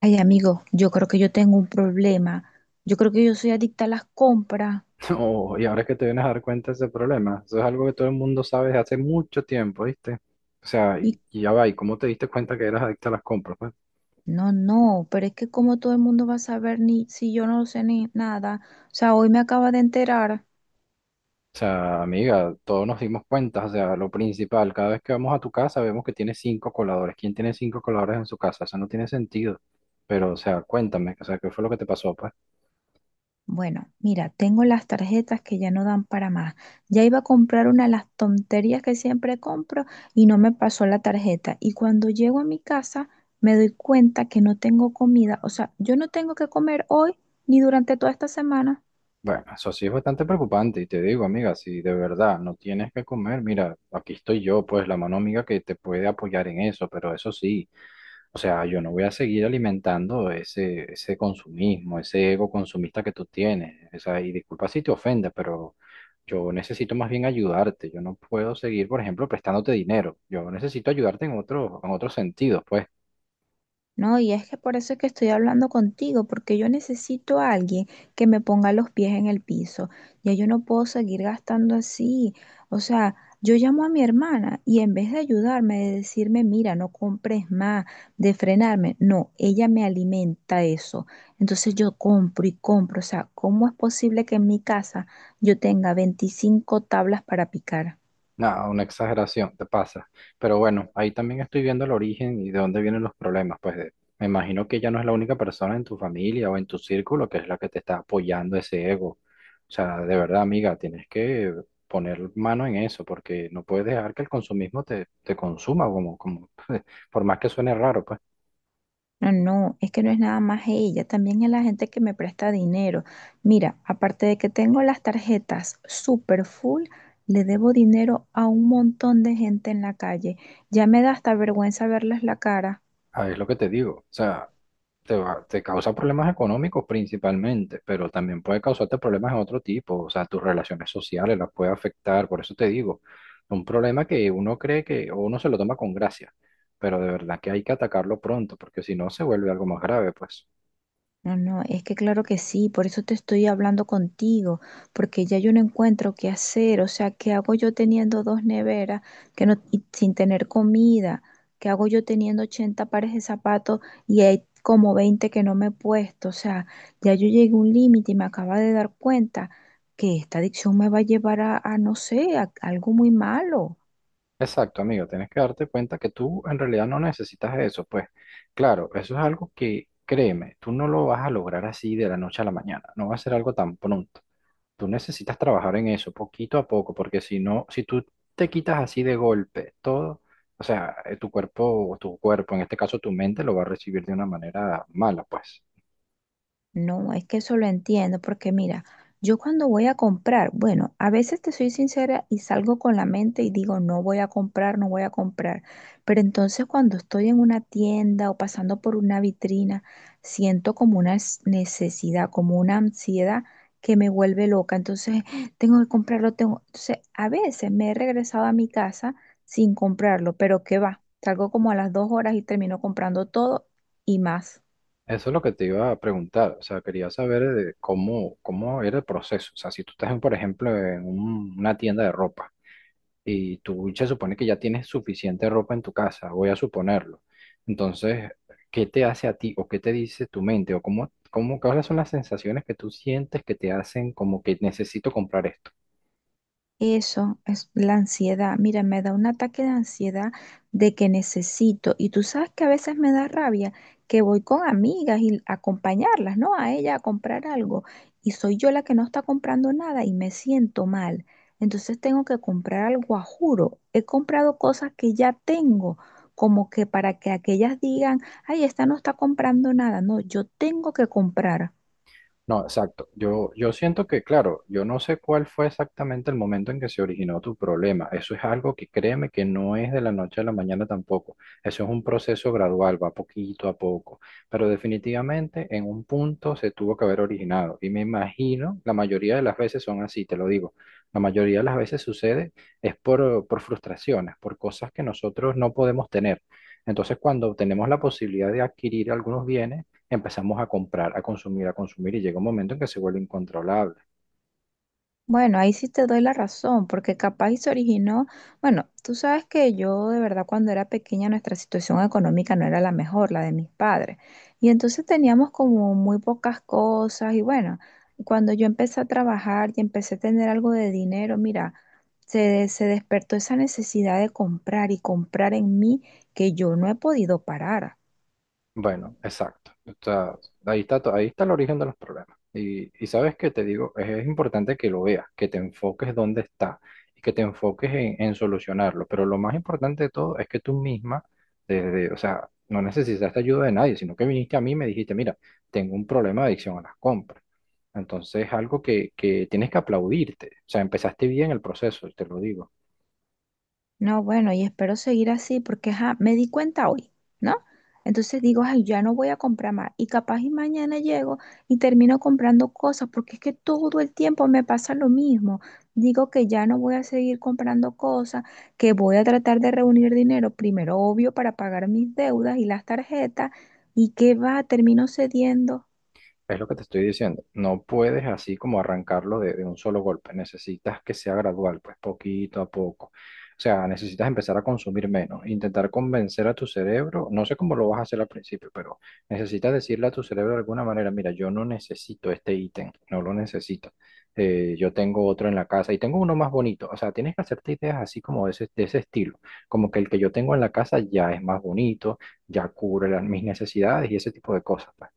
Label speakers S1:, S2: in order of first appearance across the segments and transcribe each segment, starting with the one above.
S1: Ay, amigo, yo creo que yo tengo un problema. Yo creo que yo soy adicta a las compras.
S2: Oh, y ahora es que te vienes a dar cuenta de ese problema. Eso es algo que todo el mundo sabe desde hace mucho tiempo, ¿viste? O sea,
S1: Y
S2: y ya va, ¿y cómo te diste cuenta que eras adicta a las compras, pues?
S1: no, no, pero es que como todo el mundo va a saber ni si yo no sé ni nada. O sea, hoy me acaba de enterar.
S2: O sea, amiga, todos nos dimos cuenta, o sea, lo principal, cada vez que vamos a tu casa vemos que tienes cinco coladores. ¿Quién tiene cinco coladores en su casa? Eso no tiene sentido. Pero, o sea, cuéntame, o sea, ¿qué fue lo que te pasó, pues?
S1: Bueno, mira, tengo las tarjetas que ya no dan para más. Ya iba a comprar una de las tonterías que siempre compro y no me pasó la tarjeta. Y cuando llego a mi casa, me doy cuenta que no tengo comida. O sea, yo no tengo que comer hoy ni durante toda esta semana.
S2: Bueno, eso sí es bastante preocupante y te digo, amiga, si de verdad no tienes que comer, mira, aquí estoy yo, pues, la mano amiga que te puede apoyar en eso, pero eso sí. O sea, yo no voy a seguir alimentando ese consumismo, ese ego consumista que tú tienes. O sea, y disculpa si te ofende, pero yo necesito más bien ayudarte. Yo no puedo seguir, por ejemplo, prestándote dinero. Yo necesito ayudarte en otro, en otros sentidos, pues.
S1: No, y es que por eso es que estoy hablando contigo, porque yo necesito a alguien que me ponga los pies en el piso. Ya yo no puedo seguir gastando así. O sea, yo llamo a mi hermana y en vez de ayudarme, de decirme, mira, no compres más, de frenarme, no, ella me alimenta eso. Entonces yo compro y compro. O sea, ¿cómo es posible que en mi casa yo tenga 25 tablas para picar?
S2: No una exageración, te pasa. Pero bueno, ahí también estoy viendo el origen y de dónde vienen los problemas. Pues de- me imagino que ya no es la única persona en tu familia o en tu círculo que es la que te está apoyando ese ego. O sea, de verdad, amiga, tienes que poner mano en eso porque no puedes dejar que el consumismo te consuma, como, como, por más que suene raro, pues,
S1: No, no, es que no es nada más ella, también es la gente que me presta dinero. Mira, aparte de que tengo las tarjetas super full, le debo dinero a un montón de gente en la calle. Ya me da hasta vergüenza verles la cara.
S2: ah, es lo que te digo. O sea, te va- te causa problemas económicos principalmente, pero también puede causarte problemas de otro tipo, o sea, tus relaciones sociales las puede afectar, por eso te digo, un problema que uno cree que o uno se lo toma con gracia, pero de verdad que hay que atacarlo pronto, porque si no se vuelve algo más grave, pues.
S1: No, no, es que claro que sí, por eso te estoy hablando contigo, porque ya yo no encuentro qué hacer, o sea, ¿qué hago yo teniendo dos neveras que no, y sin tener comida? ¿Qué hago yo teniendo 80 pares de zapatos y hay como 20 que no me he puesto? O sea, ya yo llegué a un límite y me acaba de dar cuenta que esta adicción me va a llevar a no sé, a algo muy malo.
S2: Exacto, amigo, tienes que darte cuenta que tú en realidad no necesitas eso, pues. Claro, eso es algo que, créeme, tú no lo vas a lograr así de la noche a la mañana, no va a ser algo tan pronto. Tú necesitas trabajar en eso poquito a poco, porque si no, si tú te quitas así de golpe todo, o sea, tu cuerpo, en este caso tu mente, lo va a recibir de una manera mala, pues.
S1: No, es que eso lo entiendo, porque mira, yo cuando voy a comprar, bueno, a veces te soy sincera y salgo con la mente y digo, no voy a comprar, no voy a comprar. Pero entonces cuando estoy en una tienda o pasando por una vitrina, siento como una necesidad, como una ansiedad que me vuelve loca. Entonces, tengo que comprarlo, tengo. Entonces, a veces me he regresado a mi casa sin comprarlo, pero qué va, salgo como a las 2 horas y termino comprando todo y más.
S2: Eso es lo que te iba a preguntar, o sea, quería saber cómo, cómo era el proceso, o sea, si tú estás, en, por ejemplo, en un- una tienda de ropa. Y tú se supone que ya tienes suficiente ropa en tu casa, voy a suponerlo. Entonces, ¿qué te hace a ti o qué te dice tu mente o cómo, cómo, cuáles son las sensaciones que tú sientes que te hacen como que necesito comprar esto?
S1: Eso es la ansiedad. Mira, me da un ataque de ansiedad de que necesito. Y tú sabes que a veces me da rabia que voy con amigas y a acompañarlas, ¿no? A ella a comprar algo. Y soy yo la que no está comprando nada y me siento mal. Entonces tengo que comprar algo a juro. He comprado cosas que ya tengo, como que para que aquellas digan, ay, esta no está comprando nada. No, yo tengo que comprar.
S2: No, exacto. Yo siento que, claro, yo no sé cuál fue exactamente el momento en que se originó tu problema. Eso es algo que créeme que no es de la noche a la mañana tampoco. Eso es un proceso gradual, va poquito a poco. Pero definitivamente en un punto se tuvo que haber originado. Y me imagino, la mayoría de las veces son así, te lo digo. La mayoría de las veces sucede es por frustraciones, por cosas que nosotros no podemos tener. Entonces, cuando tenemos la posibilidad de adquirir algunos bienes, empezamos a comprar, a consumir y llega un momento en que se vuelve incontrolable.
S1: Bueno, ahí sí te doy la razón, porque capaz y se originó, bueno, tú sabes que yo de verdad cuando era pequeña nuestra situación económica no era la mejor, la de mis padres, y entonces teníamos como muy pocas cosas y bueno, cuando yo empecé a trabajar y empecé a tener algo de dinero, mira, se despertó esa necesidad de comprar y comprar en mí que yo no he podido parar.
S2: Bueno, exacto. Está- ahí está, to- ahí está el origen de los problemas. Y sabes que te digo, es importante que lo veas, que te enfoques dónde está y que te enfoques en solucionarlo. Pero lo más importante de todo es que tú misma, desde, o sea, no necesitaste ayuda de nadie, sino que viniste a mí y me dijiste, mira, tengo un problema de adicción a las compras. Entonces es algo que tienes que aplaudirte. O sea, empezaste bien el proceso, te lo digo.
S1: No, bueno, y espero seguir así porque ajá, me di cuenta hoy, ¿no? Entonces digo, ay, ya no voy a comprar más. Y capaz y mañana llego y termino comprando cosas porque es que todo el tiempo me pasa lo mismo. Digo que ya no voy a seguir comprando cosas, que voy a tratar de reunir dinero, primero obvio, para pagar mis deudas y las tarjetas, y que va, termino cediendo.
S2: Es lo que te estoy diciendo. No puedes así como arrancarlo de un solo golpe. Necesitas que sea gradual, pues poquito a poco. O sea, necesitas empezar a consumir menos, intentar convencer a tu cerebro. No sé cómo lo vas a hacer al principio, pero necesitas decirle a tu cerebro de alguna manera, mira, yo no necesito este ítem, no lo necesito. Yo tengo otro en la casa y tengo uno más bonito. O sea, tienes que hacerte ideas así como de ese estilo. Como que el que yo tengo en la casa ya es más bonito, ya cubre las, mis necesidades y ese tipo de cosas. Pues.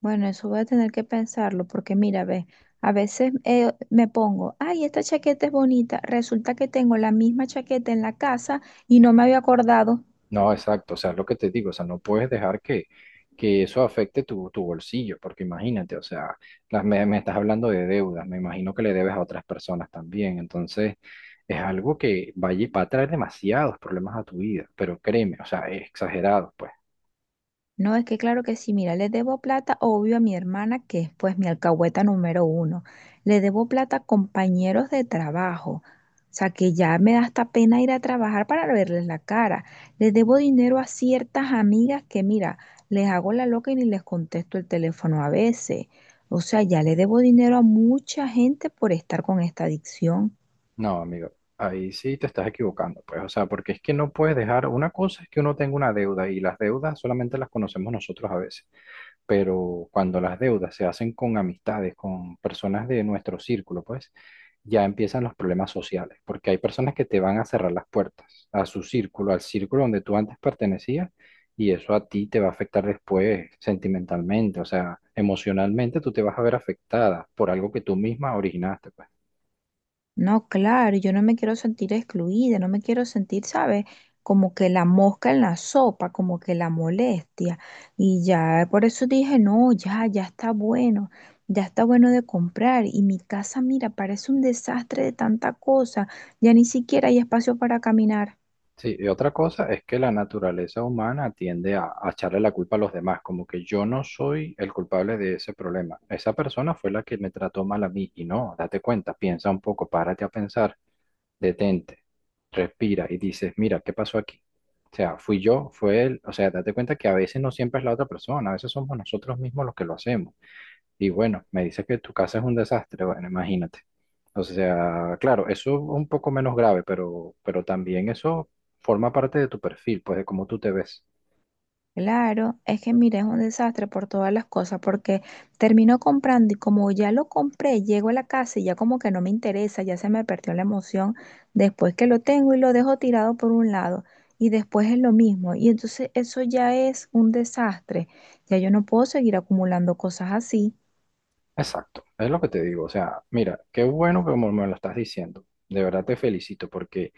S1: Bueno, eso voy a tener que pensarlo, porque mira, ve, a veces me pongo, ay, esta chaqueta es bonita, resulta que tengo la misma chaqueta en la casa y no me había acordado.
S2: No, exacto, o sea, lo que te digo, o sea, no puedes dejar que eso afecte tu, tu bolsillo, porque imagínate, o sea, las, me estás hablando de deudas, me imagino que le debes a otras personas también, entonces es algo que va, a lle- va a traer demasiados problemas a tu vida, pero créeme, o sea, es exagerado, pues.
S1: No, es que claro que sí, mira, le debo plata, obvio, a mi hermana, que es pues mi alcahueta número uno. Le debo plata a compañeros de trabajo. O sea, que ya me da hasta pena ir a trabajar para verles la cara. Le debo dinero a ciertas amigas que, mira, les hago la loca y ni les contesto el teléfono a veces. O sea, ya le debo dinero a mucha gente por estar con esta adicción.
S2: No, amigo, ahí sí te estás equivocando, pues, o sea, porque es que no puedes dejar, una cosa es que uno tenga una deuda y las deudas solamente las conocemos nosotros a veces. Pero cuando las deudas se hacen con amistades, con personas de nuestro círculo, pues ya empiezan los problemas sociales, porque hay personas que te van a cerrar las puertas a su círculo, al círculo donde tú antes pertenecías, y eso a ti te va a afectar después sentimentalmente, o sea, emocionalmente tú te vas a ver afectada por algo que tú misma originaste, pues.
S1: No, claro, yo no me quiero sentir excluida, no me quiero sentir, ¿sabes? Como que la mosca en la sopa, como que la molestia. Y ya, por eso dije, no, ya, ya está bueno de comprar. Y mi casa, mira, parece un desastre de tanta cosa, ya ni siquiera hay espacio para caminar.
S2: Sí, y otra cosa es que la naturaleza humana tiende a echarle la culpa a los demás, como que yo no soy el culpable de ese problema. Esa persona fue la que me trató mal a mí y no, date cuenta, piensa un poco, párate a pensar, detente, respira y dices, mira, ¿qué pasó aquí? O sea, fui yo, fue él, o sea, date cuenta que a veces no siempre es la otra persona, a veces somos nosotros mismos los que lo hacemos. Y bueno, me dices que tu casa es un desastre, bueno, imagínate. O sea, claro, eso es un poco menos grave, pero también eso forma parte de tu perfil, pues de cómo tú te ves.
S1: Claro, es que mira, es un desastre por todas las cosas, porque termino comprando y como ya lo compré, llego a la casa y ya como que no me interesa, ya se me perdió la emoción después que lo tengo y lo dejo tirado por un lado y después es lo mismo. Y entonces eso ya es un desastre. Ya yo no puedo seguir acumulando cosas así.
S2: Exacto, es lo que te digo. O sea, mira, qué bueno que como me lo estás diciendo. De verdad te felicito porque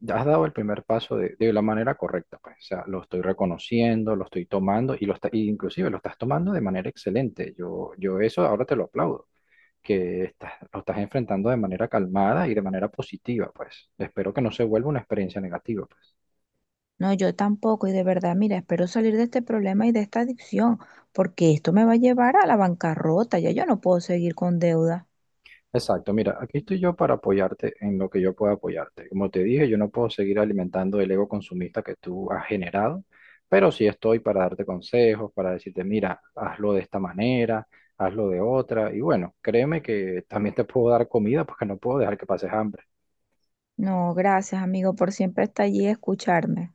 S2: ya has dado el primer paso de la manera correcta, pues. O sea, lo estoy reconociendo, lo estoy tomando y lo está, y inclusive lo estás tomando de manera excelente. Yo eso ahora te lo aplaudo. Que estás, lo estás enfrentando de manera calmada y de manera positiva, pues. Espero que no se vuelva una experiencia negativa, pues.
S1: No, yo tampoco y de verdad, mira, espero salir de este problema y de esta adicción, porque esto me va a llevar a la bancarrota, ya yo no puedo seguir con deuda.
S2: Exacto, mira, aquí estoy yo para apoyarte en lo que yo pueda apoyarte. Como te dije, yo no puedo seguir alimentando el ego consumista que tú has generado, pero sí estoy para darte consejos, para decirte, mira, hazlo de esta manera, hazlo de otra, y bueno, créeme que también te puedo dar comida porque no puedo dejar que pases hambre.
S1: No, gracias, amigo, por siempre estar allí y escucharme.